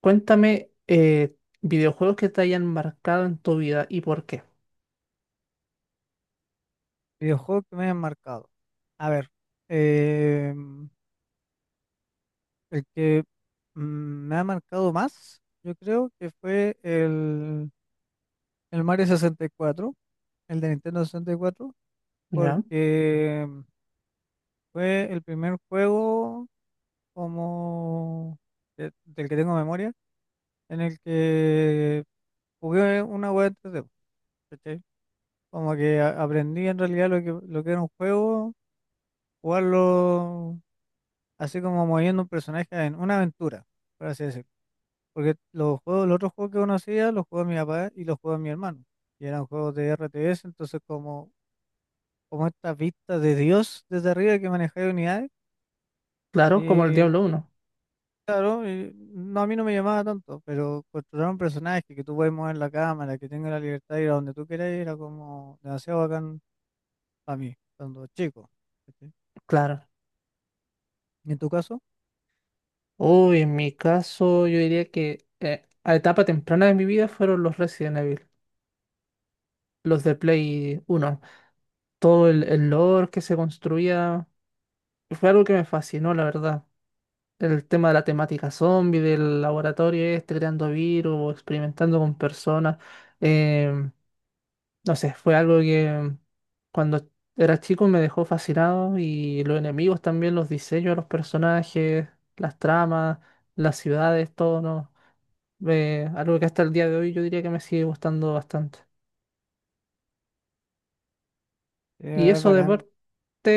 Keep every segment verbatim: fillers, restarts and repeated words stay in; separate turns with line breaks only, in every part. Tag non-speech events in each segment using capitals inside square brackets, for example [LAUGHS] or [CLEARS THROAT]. Cuéntame eh, videojuegos que te hayan marcado en tu vida y por qué.
Videojuegos que me hayan marcado. A ver, eh, el que mm, me ha marcado más, yo creo que fue el, el Mario sesenta y cuatro, el de Nintendo sesenta y cuatro,
¿Ya?
porque em, fue el primer juego como de- del que tengo memoria, en el que jugué una web tres D, ¿cachai? Como que a- aprendí en realidad lo que, lo que era un juego, jugarlo así como moviendo un personaje en una aventura, por así decirlo. Porque los juegos, los otros juegos que uno hacía, los juegos de mi papá y los juegos de mi hermano. Y eran juegos de R T S, entonces como, como esta vista de Dios desde arriba que manejaba unidades.
Claro, como el
Y
Diablo uno.
claro, y no, a mí no me llamaba tanto, pero construir un personaje que tú puedes mover la cámara, que tenga la libertad de ir a donde tú quieras, ir, era como demasiado bacán para mí, cuando chico. ¿Cachai?
Claro.
¿Y en tu caso?
Uy, en mi caso, yo diría que eh, a etapa temprana de mi vida fueron los Resident Evil, los de Play uno. Todo el, el lore que se construía fue algo que me fascinó, la verdad. El tema de la temática zombie, del laboratorio este, creando virus, experimentando con personas. em, No sé, fue algo que cuando era chico me dejó fascinado, y los enemigos también, los diseños de los personajes, las tramas, las ciudades, todo, ¿no? Eh, algo que hasta el día de hoy yo diría que me sigue gustando bastante. Y
Eh, ¿Es
eso de
bacán
parte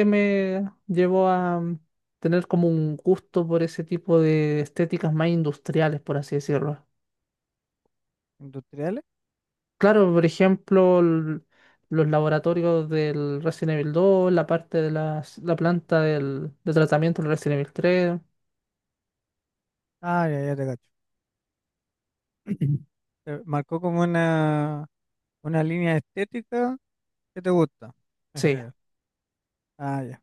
me llevó a mm, tener como un gusto por ese tipo de estéticas más industriales, por así decirlo.
industriales?
Claro, por ejemplo, l- los laboratorios del Resident Evil dos, la parte de las- la planta del, de tratamiento del Resident Evil tres.
Ah, ya, ya te cacho. Eh, Marcó como una, una línea estética que te gusta, en
Sí,
general. Ah, ya.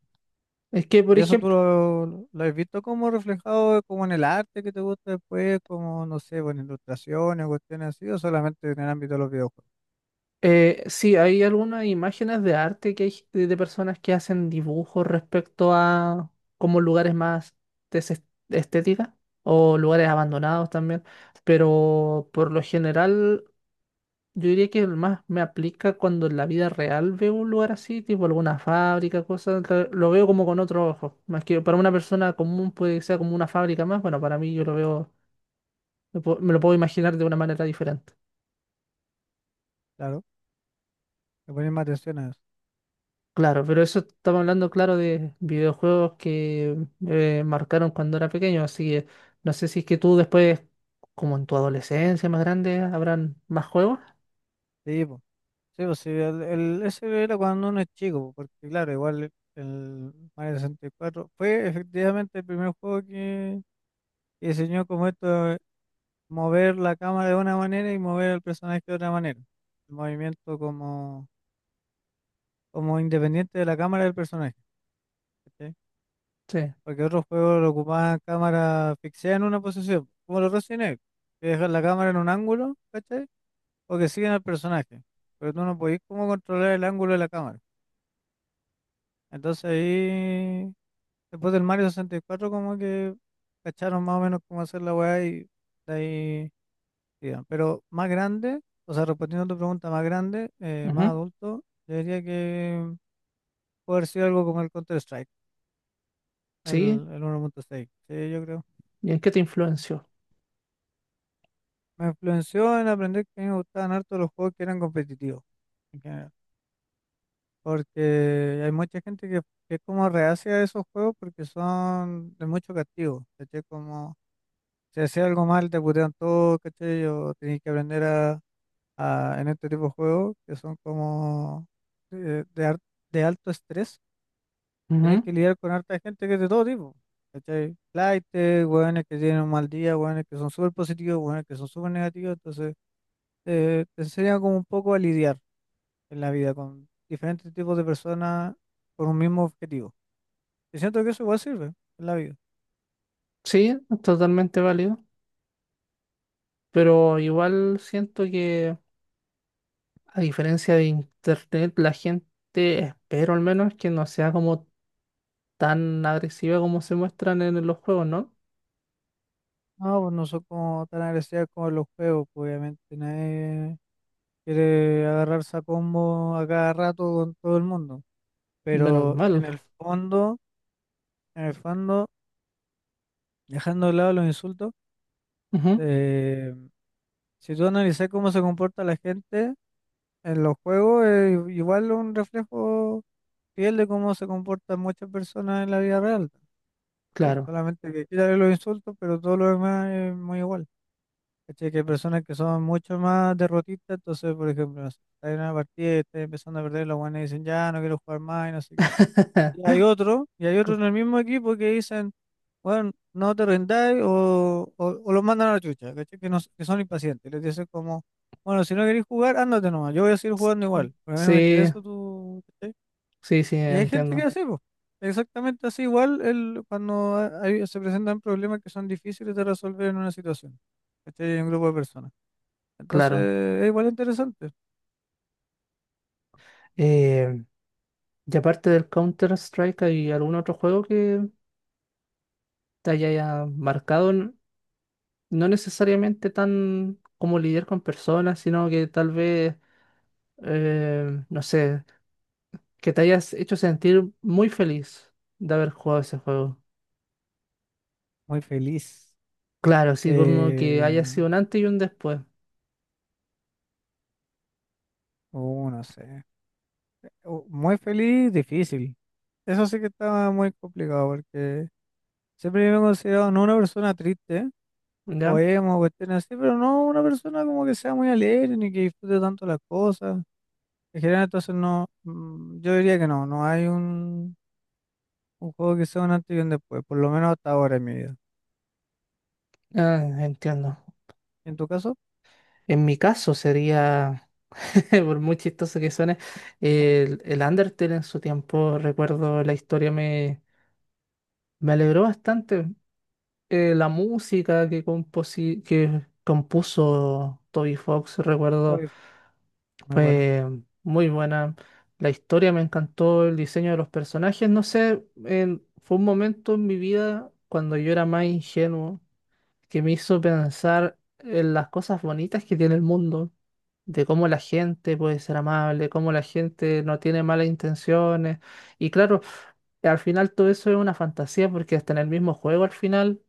es que, por
¿Y eso tú
ejemplo,
lo, lo has visto como reflejado como en el arte que te gusta después, como, no sé, bueno, ilustraciones, cuestiones así, o solamente en el ámbito de los videojuegos?
eh, sí, hay algunas imágenes de arte que hay g- de, de personas que hacen dibujos respecto a como lugares más des- estéticas o lugares abandonados también, pero por lo general yo diría que el más me aplica cuando en la vida real veo un lugar así, tipo alguna fábrica, cosas, que lo veo como con otro ojo. Más que para una persona común puede que sea como una fábrica más, bueno, para mí yo lo veo, me puedo- me lo puedo imaginar de una manera diferente.
Claro, le pones más atención a eso.
Claro, pero eso estamos hablando, claro, de videojuegos que eh, marcaron cuando era pequeño, así que no sé si es que tú después, como en tu adolescencia más grande, habrán más juegos.
Sí, po. Sí, pues sí, el, el- ese era cuando uno es chico, po, porque claro, igual el el Mario sesenta y cuatro fue efectivamente el primer juego que, que diseñó como esto mover la cámara de una manera y mover al personaje de otra manera. El movimiento como, como independiente de la cámara del personaje. ¿Cachai?
Sí.
Porque otros juegos lo ocupaban cámara fixada en una posición, como los Resident Evil, que dejan la cámara en un ángulo, ¿cachai? O que siguen al personaje. Pero tú no podés como controlar el ángulo de la cámara. Entonces ahí, después del Mario sesenta y cuatro, como que cacharon más o menos cómo hacer la weá y de ahí digan. Pero más grande, o sea, respondiendo a tu pregunta, más grande, eh, más
Ujú.
adulto, yo diría que puede haber sido algo como el Counter-Strike, el,
Sí.
el uno punto seis. Sí, yo creo.
¿Y en qué te influenció?
Me influenció en aprender que a mí me gustaban harto los juegos que eran competitivos, en general. Porque hay mucha gente que, que es como reacia a esos juegos porque son de mucho castigo. ¿Cachai? Como si hacía algo mal, te putean todo, ¿cachai? O tenés que aprender a, a- en este tipo de juegos que son como eh, de, ar- de alto estrés, tenés
Ujú.
que lidiar con harta gente que es de todo tipo. ¿Cachai? Flaites, hueones que tienen un mal día, hueones que son súper positivos, hueones que son súper negativos. Entonces, eh, te enseña como un poco a lidiar en la vida con diferentes tipos de personas por un mismo objetivo. Y siento que eso igual sirve en la vida.
Sí, totalmente válido. Pero igual siento que, a diferencia de internet, la gente, espero al menos, que no sea como tan agresiva como se muestran en los juegos, ¿no?
No, pues no son como tan agresivas como en los juegos, pues, obviamente. Nadie quiere agarrarse a combo a cada rato con todo el mundo.
Menos
Pero
mal.
en el fondo, en el fondo, dejando de lado los insultos.
Ujú.
Eh, si tú analizas cómo se comporta la gente en los juegos, es igual un reflejo fiel de cómo se comportan muchas personas en la vida real. Eh,
Claro.
Solamente que quitarle los insultos, pero todo lo demás es muy igual. ¿Cachai? Que hay personas que son mucho más derrotistas, entonces, por ejemplo, no sé, está en una partida y está empezando a perder, los buenos dicen, ya, no quiero jugar más y no sé qué. Y
[LAUGHS]
hay otro, y hay otro
Co-
en el mismo equipo que dicen, bueno, no te rendáis o, o, o los mandan a la chucha, ¿cachai? Que, no, que son impacientes. Les dicen como, bueno, si no queréis jugar, ándate nomás, yo voy a seguir jugando igual, pero a mí no me
Sí,
interesa tu... ¿cachai?
sí, sí,
Y hay gente que
entiendo.
hace, pues, exactamente así igual el, cuando ha- hay- se presentan problemas que son difíciles de resolver en una situación, ¿cachai? En un grupo de personas. Entonces,
Claro.
es igual interesante.
Eh, y aparte del Counter-Strike, ¿hay algún otro juego que te haya marcado? N- No necesariamente tan como lidiar con personas, sino que tal vez, eh, no sé, que te hayas hecho sentir muy feliz de haber jugado ese juego.
Muy feliz.
Claro, así como que
Eh,
haya sido un antes y un después.
uh, no sé. eh, Uh, Muy feliz, difícil. Eso sí que estaba muy complicado porque... Siempre me he considerado no una persona triste, o
¿Ya?
emo, o cuestiones así, pero no una persona como que sea muy alegre ni que disfrute tanto las cosas. En general, entonces no, mm, yo diría que no, no hay un, un juego que sea un antes y un después, por lo menos hasta ahora en mi vida.
Ah, entiendo.
En tu caso,
En mi caso sería, [LAUGHS] por muy chistoso que suene, el, el Undertale. En su tiempo, recuerdo la historia me, me alegró bastante. Eh, la música que, composi- que compuso Toby Fox,
creo
recuerdo
que fue muy bueno.
fue muy buena. La historia me encantó, el diseño de los personajes. No sé, en- fue un momento en mi vida cuando yo era más ingenuo, que me hizo pensar en las cosas bonitas que tiene el mundo, de cómo la gente puede ser amable, cómo la gente no tiene malas intenciones. Y claro, al final todo eso es una fantasía porque hasta en el mismo juego al final,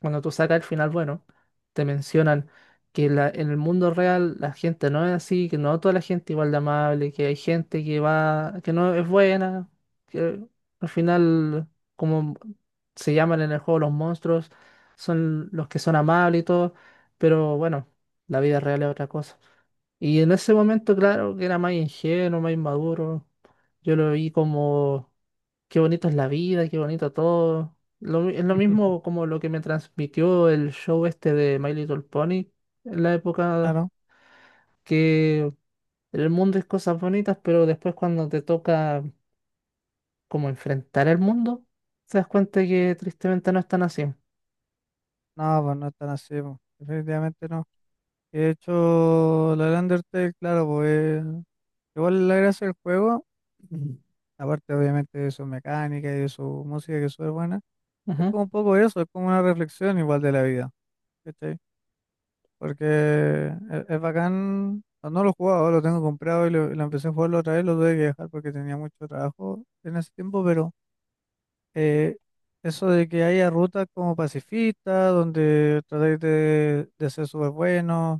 cuando tú sacas el final bueno, te mencionan que la- en el mundo real la gente no es así, que no toda la gente igual de amable, que hay gente que va, que no es buena, que al final, como se llaman en el juego los monstruos, son los que son amables y todo, pero bueno, la vida real es otra cosa. Y en ese momento, claro, que era más ingenuo, más inmaduro, yo lo vi como, qué bonito es la vida, qué bonito todo. Lo mi- es lo mismo
[LAUGHS]
como lo que me transmitió el show este de My Little Pony en la época,
Claro,
que el mundo es cosas bonitas, pero después cuando te toca como enfrentar el mundo, te das cuenta que tristemente no están así.
no, pues no es tan así, pues, definitivamente no. De hecho, la Undertale, claro, pues igual la gracia del juego, [CLEARS THROAT] aparte obviamente de su mecánica y de su música que es súper buena. Es
Ujú,
como un poco eso, es como una reflexión igual de la vida, ¿cachai? Porque eh, es, es bacán, no no lo he jugado, lo tengo comprado y lo, y lo empecé a jugarlo otra vez, lo tuve que dejar porque tenía mucho trabajo en ese tiempo, pero eh, eso de que haya rutas como pacifistas, donde tratáis de, de ser súper buenos,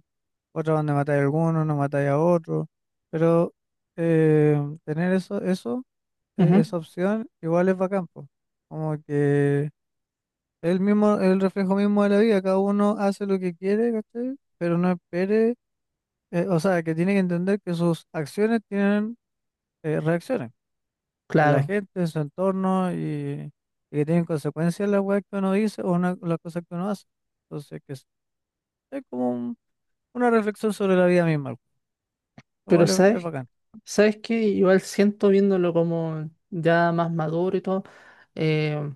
otras donde matáis a algunos, no matáis a otros, pero eh, tener eso, eso, eh,
ujú,
esa opción igual es bacán, po. Como que... El mismo, el reflejo mismo de la vida, cada uno hace lo que quiere, ¿cachai? Pero no espere, eh, o sea, que tiene que entender que sus acciones tienen eh, reacciones en la
claro.
gente, en su entorno y, y que tienen consecuencias las weas que uno dice o una- las cosas que uno hace. Entonces, que es, es como un- una reflexión sobre la vida misma, lo
Pero
cual es, es
¿sabes?
bacán.
¿Sabes qué? Igual siento, viéndolo como ya más maduro y todo, eh,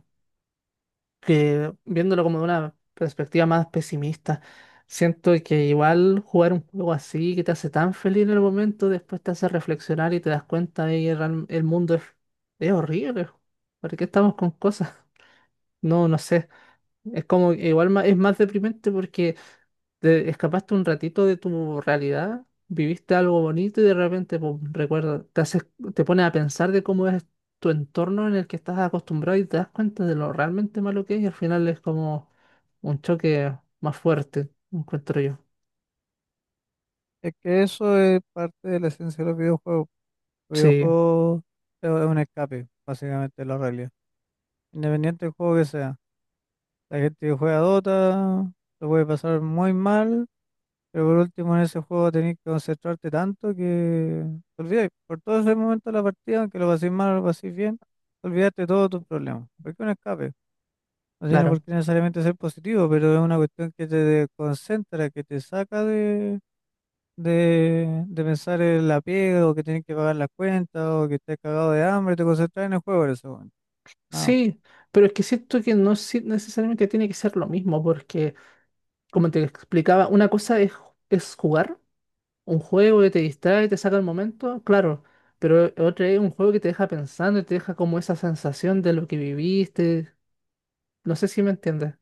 que viéndolo como de una perspectiva más pesimista, siento que igual jugar un juego así que te hace tan feliz en el momento, después te hace reflexionar y te das cuenta de que real- el mundo es, es horrible. ¿Por qué estamos con cosas? [LAUGHS] No, no sé. Es como, igual ma- es más deprimente porque te escapaste un ratito de tu realidad, viviste algo bonito y de repente, pum, recuerda, te haces, te pones a pensar de cómo es tu entorno en el que estás acostumbrado y te das cuenta de lo realmente malo que es, y al final es como un choque más fuerte, encuentro yo.
Es que eso es parte de la esencia de los videojuegos. Los
Sí,
videojuegos es un escape, básicamente, de la realidad, independiente del juego que sea. La gente que juega Dota lo puede pasar muy mal, pero por último en ese juego tenés que concentrarte tanto que te olvidas por todo ese momento de la partida, aunque lo paséis mal o lo paséis bien, olvidaste de todos tus problemas. Porque un escape no tiene por
claro.
qué necesariamente ser positivo, pero es una cuestión que te concentra, que te saca de, de, de pensar en la pega o que tienes que pagar las cuentas o que estás cagado de hambre, te concentras en el juego en ese momento. No,
Sí, pero es que siento que no si- necesariamente tiene que ser lo mismo porque, como te explicaba, una cosa es, es jugar un juego que te distrae y te saca el momento, claro, pero otro es un juego que te deja pensando y te deja como esa sensación de lo que viviste. No sé si me entiendes.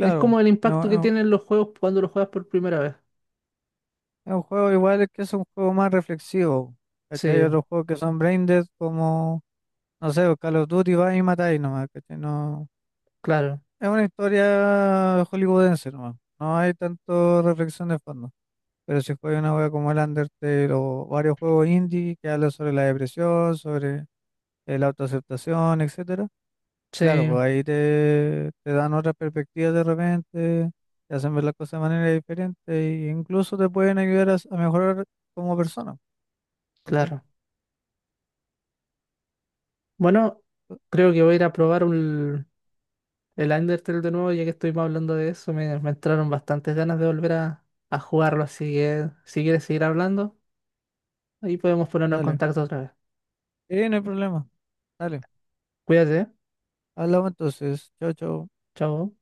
Es como el
es
impacto que
un
tienen los juegos cuando los juegas por primera vez.
Es un juego igual que es un juego más reflexivo. ¿Cachai? Hay
Sí,
otros juegos que son brain dead como, no sé, Call of Duty va y matáis nomás, ¿cachai? No,
claro,
es una historia hollywoodense nomás. No hay tanto reflexión de fondo. Pero si juegas una juega como el Undertale o varios juegos indie que hablan sobre la depresión, sobre eh, la autoaceptación, etcétera, claro,
sí,
pues ahí te, te dan otras perspectivas de repente, te hacen ver las cosas de manera diferente e incluso te pueden ayudar a, a mejorar como persona. ¿Cachai?
claro. Bueno, creo que voy a ir a probar un- el Undertale de nuevo, ya que estuvimos hablando de eso. Me, me entraron bastantes ganas de volver a, a jugarlo, así que si quieres seguir hablando, ahí podemos ponernos en
Dale.
contacto otra vez.
Sí, no hay problema. Dale.
Cuídate, ¿eh?
Hablamos entonces. Chao, chao.
Chao.